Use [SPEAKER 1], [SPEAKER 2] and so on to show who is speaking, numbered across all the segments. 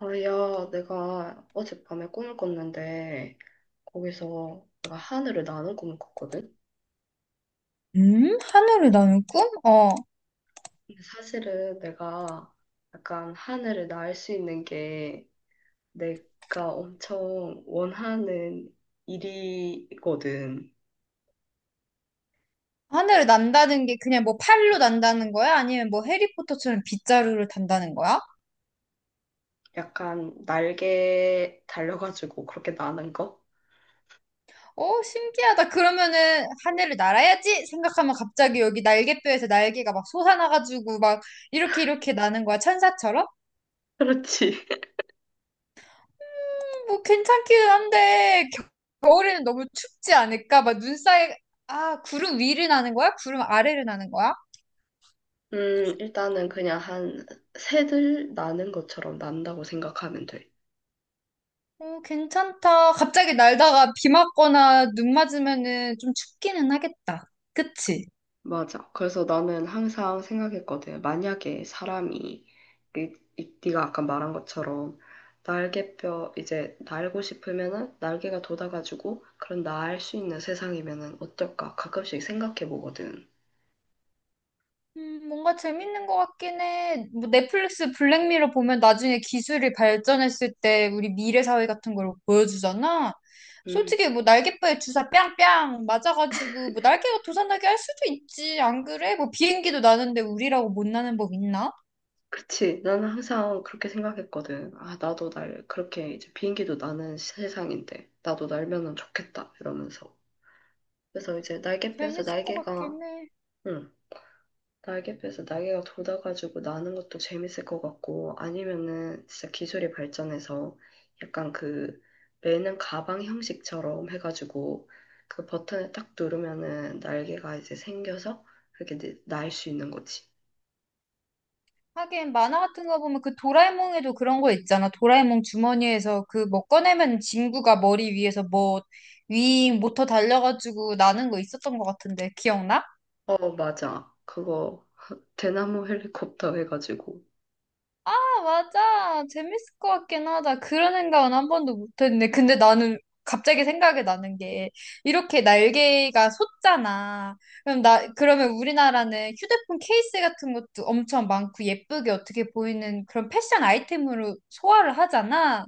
[SPEAKER 1] 아, 야, 내가 어젯밤에 꿈을 꿨는데, 거기서 내가 하늘을 나는 꿈을 꿨거든?
[SPEAKER 2] 음? 하늘을 나는 꿈? 어.
[SPEAKER 1] 근데 사실은 내가 약간 하늘을 날 수 있는 게 내가 엄청 원하는 일이거든.
[SPEAKER 2] 하늘을 난다는 게 그냥 뭐 팔로 난다는 거야? 아니면 뭐 해리포터처럼 빗자루를 단다는 거야?
[SPEAKER 1] 약간 날개 달려가지고 그렇게 나는 거?
[SPEAKER 2] 어, 신기하다. 그러면은 하늘을 날아야지 생각하면 갑자기 여기 날개뼈에서 날개가 막 솟아나가지고 막 이렇게 나는 거야. 천사처럼?
[SPEAKER 1] 그렇지.
[SPEAKER 2] 뭐 괜찮기는 한데 겨울에는 너무 춥지 않을까? 막 눈 사이 아, 구름 위를 나는 거야? 구름 아래를 나는 거야?
[SPEAKER 1] 일단은 그냥 한 새들 나는 것처럼 난다고 생각하면 돼.
[SPEAKER 2] 어, 괜찮다. 갑자기 날다가 비 맞거나 눈 맞으면은 좀 춥기는 하겠다. 그치?
[SPEAKER 1] 맞아. 그래서 나는 항상 생각했거든. 만약에 사람이, 네가 아까 말한 것처럼, 날개뼈, 이제 날고 싶으면은 날개가 돋아가지고, 그런 날 수 있는 세상이면은 어떨까? 가끔씩 생각해 보거든.
[SPEAKER 2] 뭔가 재밌는 것 같긴 해. 뭐 넷플릭스 블랙미러 보면 나중에 기술이 발전했을 때 우리 미래 사회 같은 걸 보여주잖아.
[SPEAKER 1] 음,
[SPEAKER 2] 솔직히 뭐 날개뼈에 주사 뺨뺨 맞아가지고 뭐 날개가 도산나게 할 수도 있지. 안 그래? 뭐 비행기도 나는데 우리라고 못 나는 법 있나?
[SPEAKER 1] 그치. 나는 항상 그렇게 생각했거든. 아, 나도 날, 그렇게 이제 비행기도 나는 세상인데, 나도 날면은 좋겠다. 이러면서. 그래서 이제 날개뼈에서
[SPEAKER 2] 재밌을 것
[SPEAKER 1] 날개가,
[SPEAKER 2] 같긴 해.
[SPEAKER 1] 응, 날개뼈에서 날개가 돋아가지고 나는 것도 재밌을 것 같고, 아니면은 진짜 기술이 발전해서 약간 그 매는 가방 형식처럼 해가지고 그 버튼을 딱 누르면은 날개가 이제 생겨서 그렇게 날 수 있는 거지.
[SPEAKER 2] 하긴 만화 같은 거 보면 그 도라에몽에도 그런 거 있잖아. 도라에몽 주머니에서 그 뭐 꺼내면 진구가 머리 위에서 뭐 윙 모터 달려가지고 나는 거 있었던 것 같은데 기억나?
[SPEAKER 1] 어, 맞아. 그거 대나무 헬리콥터 해가지고.
[SPEAKER 2] 아 맞아. 재밌을 것 같긴 하다. 그런 생각은 한 번도 못했네 근데 나는 갑자기 생각이 나는 게 이렇게 날개가 솟잖아. 그럼 나 그러면 우리나라는 휴대폰 케이스 같은 것도 엄청 많고 예쁘게 어떻게 보이는 그런 패션 아이템으로 소화를 하잖아.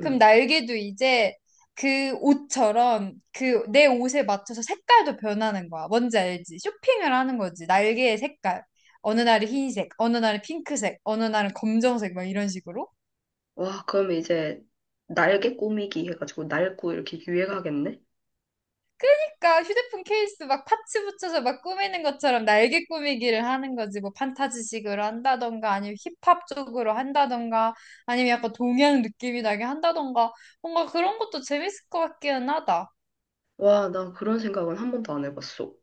[SPEAKER 2] 그럼 날개도 이제 그 옷처럼 그 내 옷에 맞춰서 색깔도 변하는 거야. 뭔지 알지? 쇼핑을 하는 거지. 날개의 색깔. 어느 날은 흰색, 어느 날은 핑크색, 어느 날은 검정색 막 이런 식으로.
[SPEAKER 1] 와, 그럼 이제 날개 꾸미기 해가지고 날고 이렇게 유행하겠네?
[SPEAKER 2] 그러니까 휴대폰 케이스 막 파츠 붙여서 막 꾸미는 것처럼 날개 꾸미기를 하는 거지. 뭐 판타지식으로 한다던가 아니면 힙합 쪽으로 한다던가 아니면 약간 동양 느낌이 나게 한다던가 뭔가 그런 것도 재밌을 것 같기는 하다.
[SPEAKER 1] 와, 나 그런 생각은 한 번도 안 해봤어.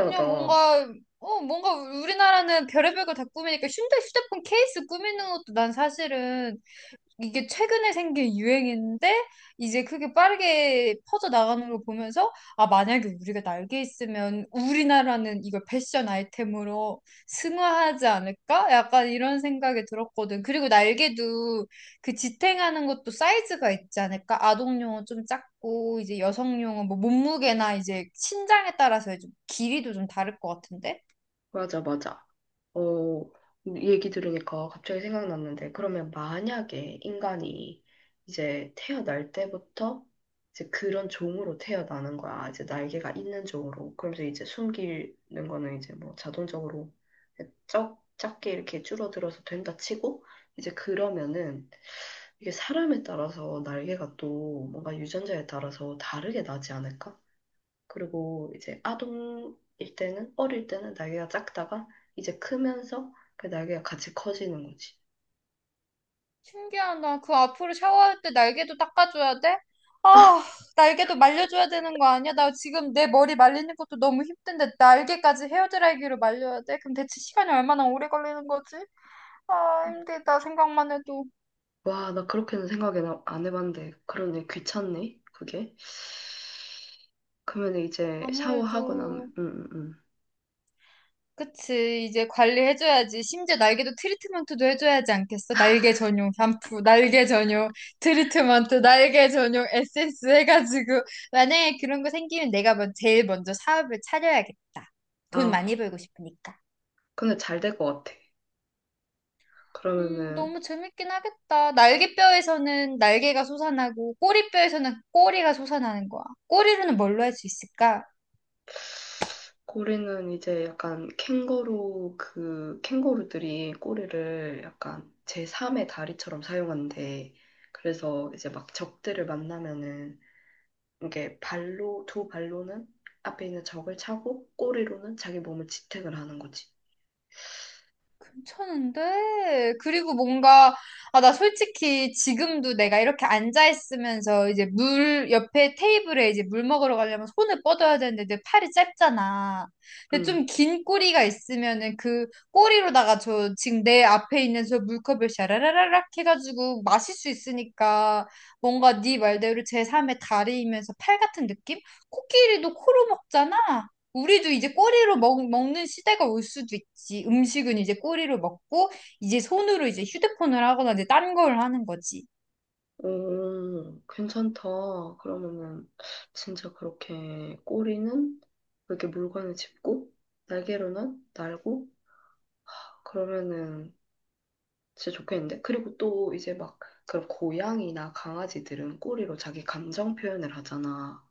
[SPEAKER 2] 그냥 뭔가, 어, 뭔가 우리나라는 별의별 걸 다 꾸미니까 휴대폰 케이스 꾸미는 것도 난 사실은 이게 최근에 생긴 유행인데 이제 크게 빠르게 퍼져 나가는 걸 보면서 아 만약에 우리가 날개 있으면 우리나라는 이걸 패션 아이템으로 승화하지 않을까? 약간 이런 생각이 들었거든. 그리고 날개도 그 지탱하는 것도 사이즈가 있지 않을까? 아동용은 좀 작고 이제 여성용은 뭐 몸무게나 이제 신장에 따라서 좀 길이도 좀 다를 것 같은데?
[SPEAKER 1] 맞아, 맞아. 어, 얘기 들으니까 갑자기 생각났는데, 그러면 만약에 인간이 이제 태어날 때부터 이제 그런 종으로 태어나는 거야. 이제 날개가 있는 종으로. 그러면서 이제 숨기는 거는 이제 뭐 자동적으로 쩍, 작게 이렇게 줄어들어서 된다 치고, 이제 그러면은 이게 사람에 따라서 날개가 또 뭔가 유전자에 따라서 다르게 나지 않을까? 그리고 이제 아동일 때는, 어릴 때는 날개가 작다가 이제 크면서 그 날개가 같이 커지는 거지.
[SPEAKER 2] 신기하다. 그 앞으로 샤워할 때 날개도 닦아줘야 돼?
[SPEAKER 1] 아,
[SPEAKER 2] 아, 날개도 말려줘야 되는 거 아니야? 나 지금 내 머리 말리는 것도 너무 힘든데 날개까지 헤어드라이기로 말려야 돼? 그럼 대체 시간이 얼마나 오래 걸리는 거지? 아, 힘들다. 생각만 해도.
[SPEAKER 1] 와, 나 그렇게는 생각은 안 해봤는데, 그러네, 귀찮네, 그게. 그러면 이제 샤워하고
[SPEAKER 2] 아무래도.
[SPEAKER 1] 나면,
[SPEAKER 2] 그치. 이제 관리해줘야지. 심지어 날개도 트리트먼트도 해줘야지 않겠어? 날개 전용 샴푸, 날개 전용 트리트먼트, 날개 전용 에센스 해가지고. 만약에 그런 거 생기면 내가 먼 제일 먼저 사업을 차려야겠다. 돈 많이
[SPEAKER 1] 아,
[SPEAKER 2] 벌고 싶으니까.
[SPEAKER 1] 근데 잘 될 것 같아. 그러면은
[SPEAKER 2] 너무 재밌긴 하겠다. 날개뼈에서는 날개가 솟아나고, 꼬리뼈에서는 꼬리가 솟아나는 거야. 꼬리로는 뭘로 할 수 있을까?
[SPEAKER 1] 고래는 이제 약간 캥거루 그 캥거루들이 꼬리를 약간 제3의 다리처럼 사용한대. 그래서 이제 막 적들을 만나면은 이게 발로 두 발로는 앞에 있는 적을 차고 꼬리로는 자기 몸을 지탱을 하는 거지.
[SPEAKER 2] 괜찮은데? 그리고 뭔가, 아, 나 솔직히 지금도 내가 이렇게 앉아있으면서 이제 물, 옆에 테이블에 이제 물 먹으러 가려면 손을 뻗어야 되는데 내 팔이 짧잖아. 근데
[SPEAKER 1] 응.
[SPEAKER 2] 좀 긴 꼬리가 있으면은 그 꼬리로다가 저 지금 내 앞에 있는 저 물컵을 샤라라라락 해가지고 마실 수 있으니까 뭔가 네 말대로 제삼의 다리이면서 팔 같은 느낌? 코끼리도 코로 먹잖아. 우리도 이제 꼬리로 먹는 시대가 올 수도 있지. 음식은 이제 꼬리로 먹고, 이제 손으로 이제 휴대폰을 하거나 이제 딴 걸 하는 거지.
[SPEAKER 1] 오, 괜찮다. 그러면은 진짜 그렇게 꼬리는 이렇게 물건을 짚고 날개로는 날고 그러면은 진짜 좋겠는데? 그리고 또 이제 막 그런 고양이나 강아지들은 꼬리로 자기 감정 표현을 하잖아.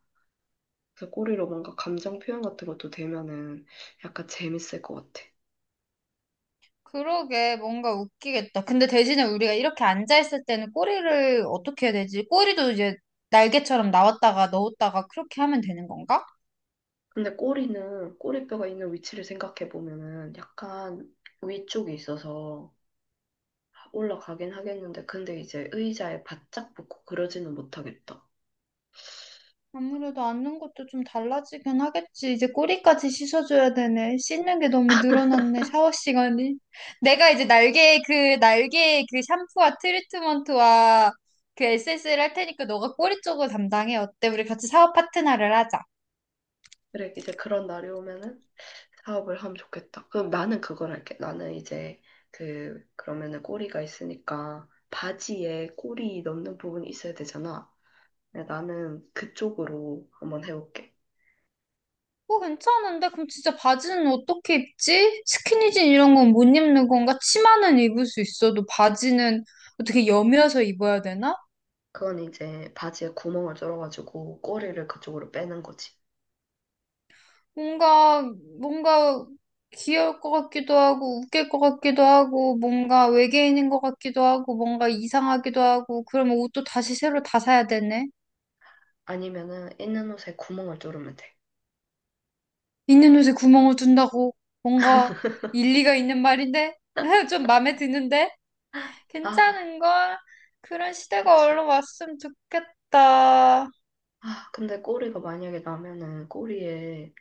[SPEAKER 1] 그 꼬리로 뭔가 감정 표현 같은 것도 되면은 약간 재밌을 것 같아.
[SPEAKER 2] 그러게, 뭔가 웃기겠다. 근데 대신에 우리가 이렇게 앉아있을 때는 꼬리를 어떻게 해야 되지? 꼬리도 이제 날개처럼 나왔다가 넣었다가 그렇게 하면 되는 건가?
[SPEAKER 1] 근데 꼬리는 꼬리뼈가 있는 위치를 생각해 보면은 약간 위쪽이 있어서 올라가긴 하겠는데 근데 이제 의자에 바짝 붙고 그러지는 못하겠다.
[SPEAKER 2] 아무래도 앉는 것도 좀 달라지긴 하겠지. 이제 꼬리까지 씻어줘야 되네. 씻는 게 너무 늘어났네, 샤워 시간이. 내가 이제 날개, 그 샴푸와 트리트먼트와 그 에센스를 할 테니까 너가 꼬리 쪽을 담당해. 어때? 우리 같이 샤워 파트너를 하자.
[SPEAKER 1] 그래 이제 그런 날이 오면은 사업을 하면 좋겠다. 그럼 나는 그걸 할게. 나는 이제 그러면은 꼬리가 있으니까 바지에 꼬리 넣는 부분이 있어야 되잖아. 근데 나는 그쪽으로 한번 해볼게.
[SPEAKER 2] 어, 괜찮은데? 그럼 진짜 바지는 어떻게 입지? 스키니진 이런 건 못 입는 건가? 치마는 입을 수 있어도 바지는 어떻게 여며서 입어야 되나?
[SPEAKER 1] 그건 이제 바지에 구멍을 뚫어가지고 꼬리를 그쪽으로 빼는 거지.
[SPEAKER 2] 뭔가, 뭔가 귀여울 것 같기도 하고, 웃길 것 같기도 하고, 뭔가 외계인인 것 같기도 하고, 뭔가 이상하기도 하고, 그러면 옷도 다시 새로 다 사야 되네.
[SPEAKER 1] 아니면은 있는 옷에 구멍을 뚫으면 돼.
[SPEAKER 2] 있는 옷에 구멍을 둔다고, 뭔가 일리가 있는 말인데? 좀 마음에 드는데?
[SPEAKER 1] 아,
[SPEAKER 2] 괜찮은걸? 그런
[SPEAKER 1] 그렇
[SPEAKER 2] 시대가 얼른 왔으면 좋겠다.
[SPEAKER 1] 아, 근데 꼬리가 만약에 나면은 꼬리에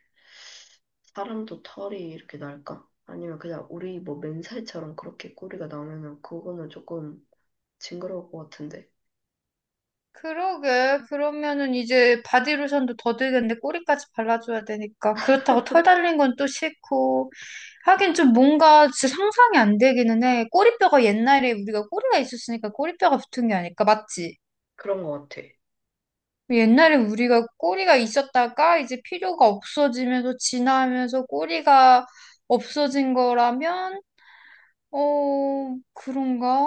[SPEAKER 1] 사람도 털이 이렇게 날까? 아니면 그냥 우리 뭐 맨살처럼 그렇게 꼬리가 나면은 그거는 조금 징그러울 것 같은데.
[SPEAKER 2] 그러게. 그러면은 이제 바디로션도 더 들겠는데 꼬리까지 발라줘야 되니까. 그렇다고 털 달린 건 또 싫고. 하긴 좀 뭔가 진짜 상상이 안 되기는 해. 꼬리뼈가 옛날에 우리가 꼬리가 있었으니까 꼬리뼈가 붙은 게 아닐까? 맞지?
[SPEAKER 1] 그런 것 같아.
[SPEAKER 2] 옛날에 우리가 꼬리가 있었다가 이제 필요가 없어지면서 진나하면서 꼬리가 없어진 거라면, 어, 그런가?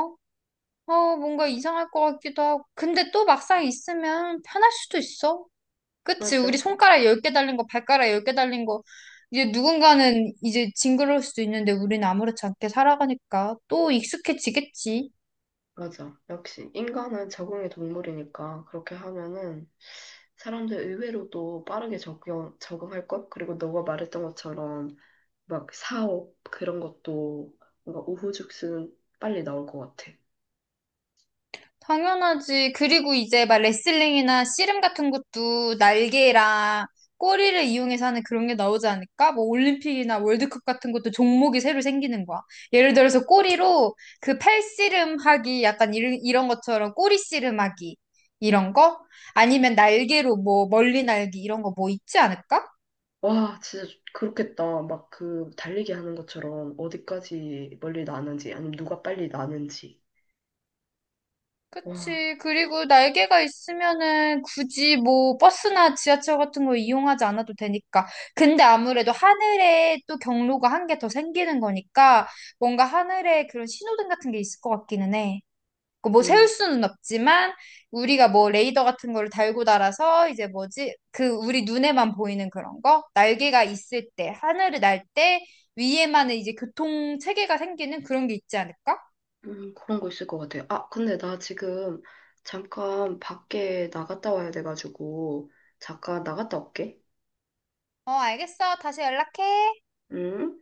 [SPEAKER 2] 어, 뭔가 이상할 것 같기도 하고. 근데 또 막상 있으면 편할 수도 있어. 그치, 우리
[SPEAKER 1] 맞아,
[SPEAKER 2] 손가락 10개 달린 거, 발가락 10개 달린 거, 이제 누군가는 이제 징그러울 수도 있는데 우리는 아무렇지 않게 살아가니까 또 익숙해지겠지.
[SPEAKER 1] 맞아. 역시 인간은 적응의 동물이니까 그렇게 하면은 사람들 의외로도 빠르게 적용, 적응할 것? 그리고 너가 말했던 것처럼 막 사업 그런 것도 뭔가 우후죽순 빨리 나올 것 같아.
[SPEAKER 2] 당연하지. 그리고 이제 막 레슬링이나 씨름 같은 것도 날개랑 꼬리를 이용해서 하는 그런 게 나오지 않을까? 뭐 올림픽이나 월드컵 같은 것도 종목이 새로 생기는 거야. 예를 들어서 꼬리로 그 팔씨름하기 약간 이런 것처럼 꼬리 씨름하기 이런 거? 아니면 날개로 뭐 멀리 날기 이런 거 뭐 있지 않을까?
[SPEAKER 1] 와, 진짜 그렇겠다. 막 그 달리기 하는 것처럼 어디까지 멀리 나는지, 아니면 누가 빨리 나는지. 와,
[SPEAKER 2] 그치. 그리고 날개가 있으면은 굳이 뭐 버스나 지하철 같은 거 이용하지 않아도 되니까. 근데 아무래도 하늘에 또 경로가 한 개 더 생기는 거니까 뭔가 하늘에 그런 신호등 같은 게 있을 것 같기는 해. 그뭐 세울
[SPEAKER 1] 음,
[SPEAKER 2] 수는 없지만 우리가 뭐 레이더 같은 거를 달고 달아서 이제 뭐지? 그 우리 눈에만 보이는 그런 거? 날개가 있을 때, 하늘을 날 때 위에만은 이제 교통 체계가 생기는 그런 게 있지 않을까?
[SPEAKER 1] 그런 거 있을 것 같아요. 아, 근데 나 지금 잠깐 밖에 나갔다 와야 돼가지고, 잠깐 나갔다 올게.
[SPEAKER 2] 어, 알겠어. 다시 연락해.
[SPEAKER 1] 응?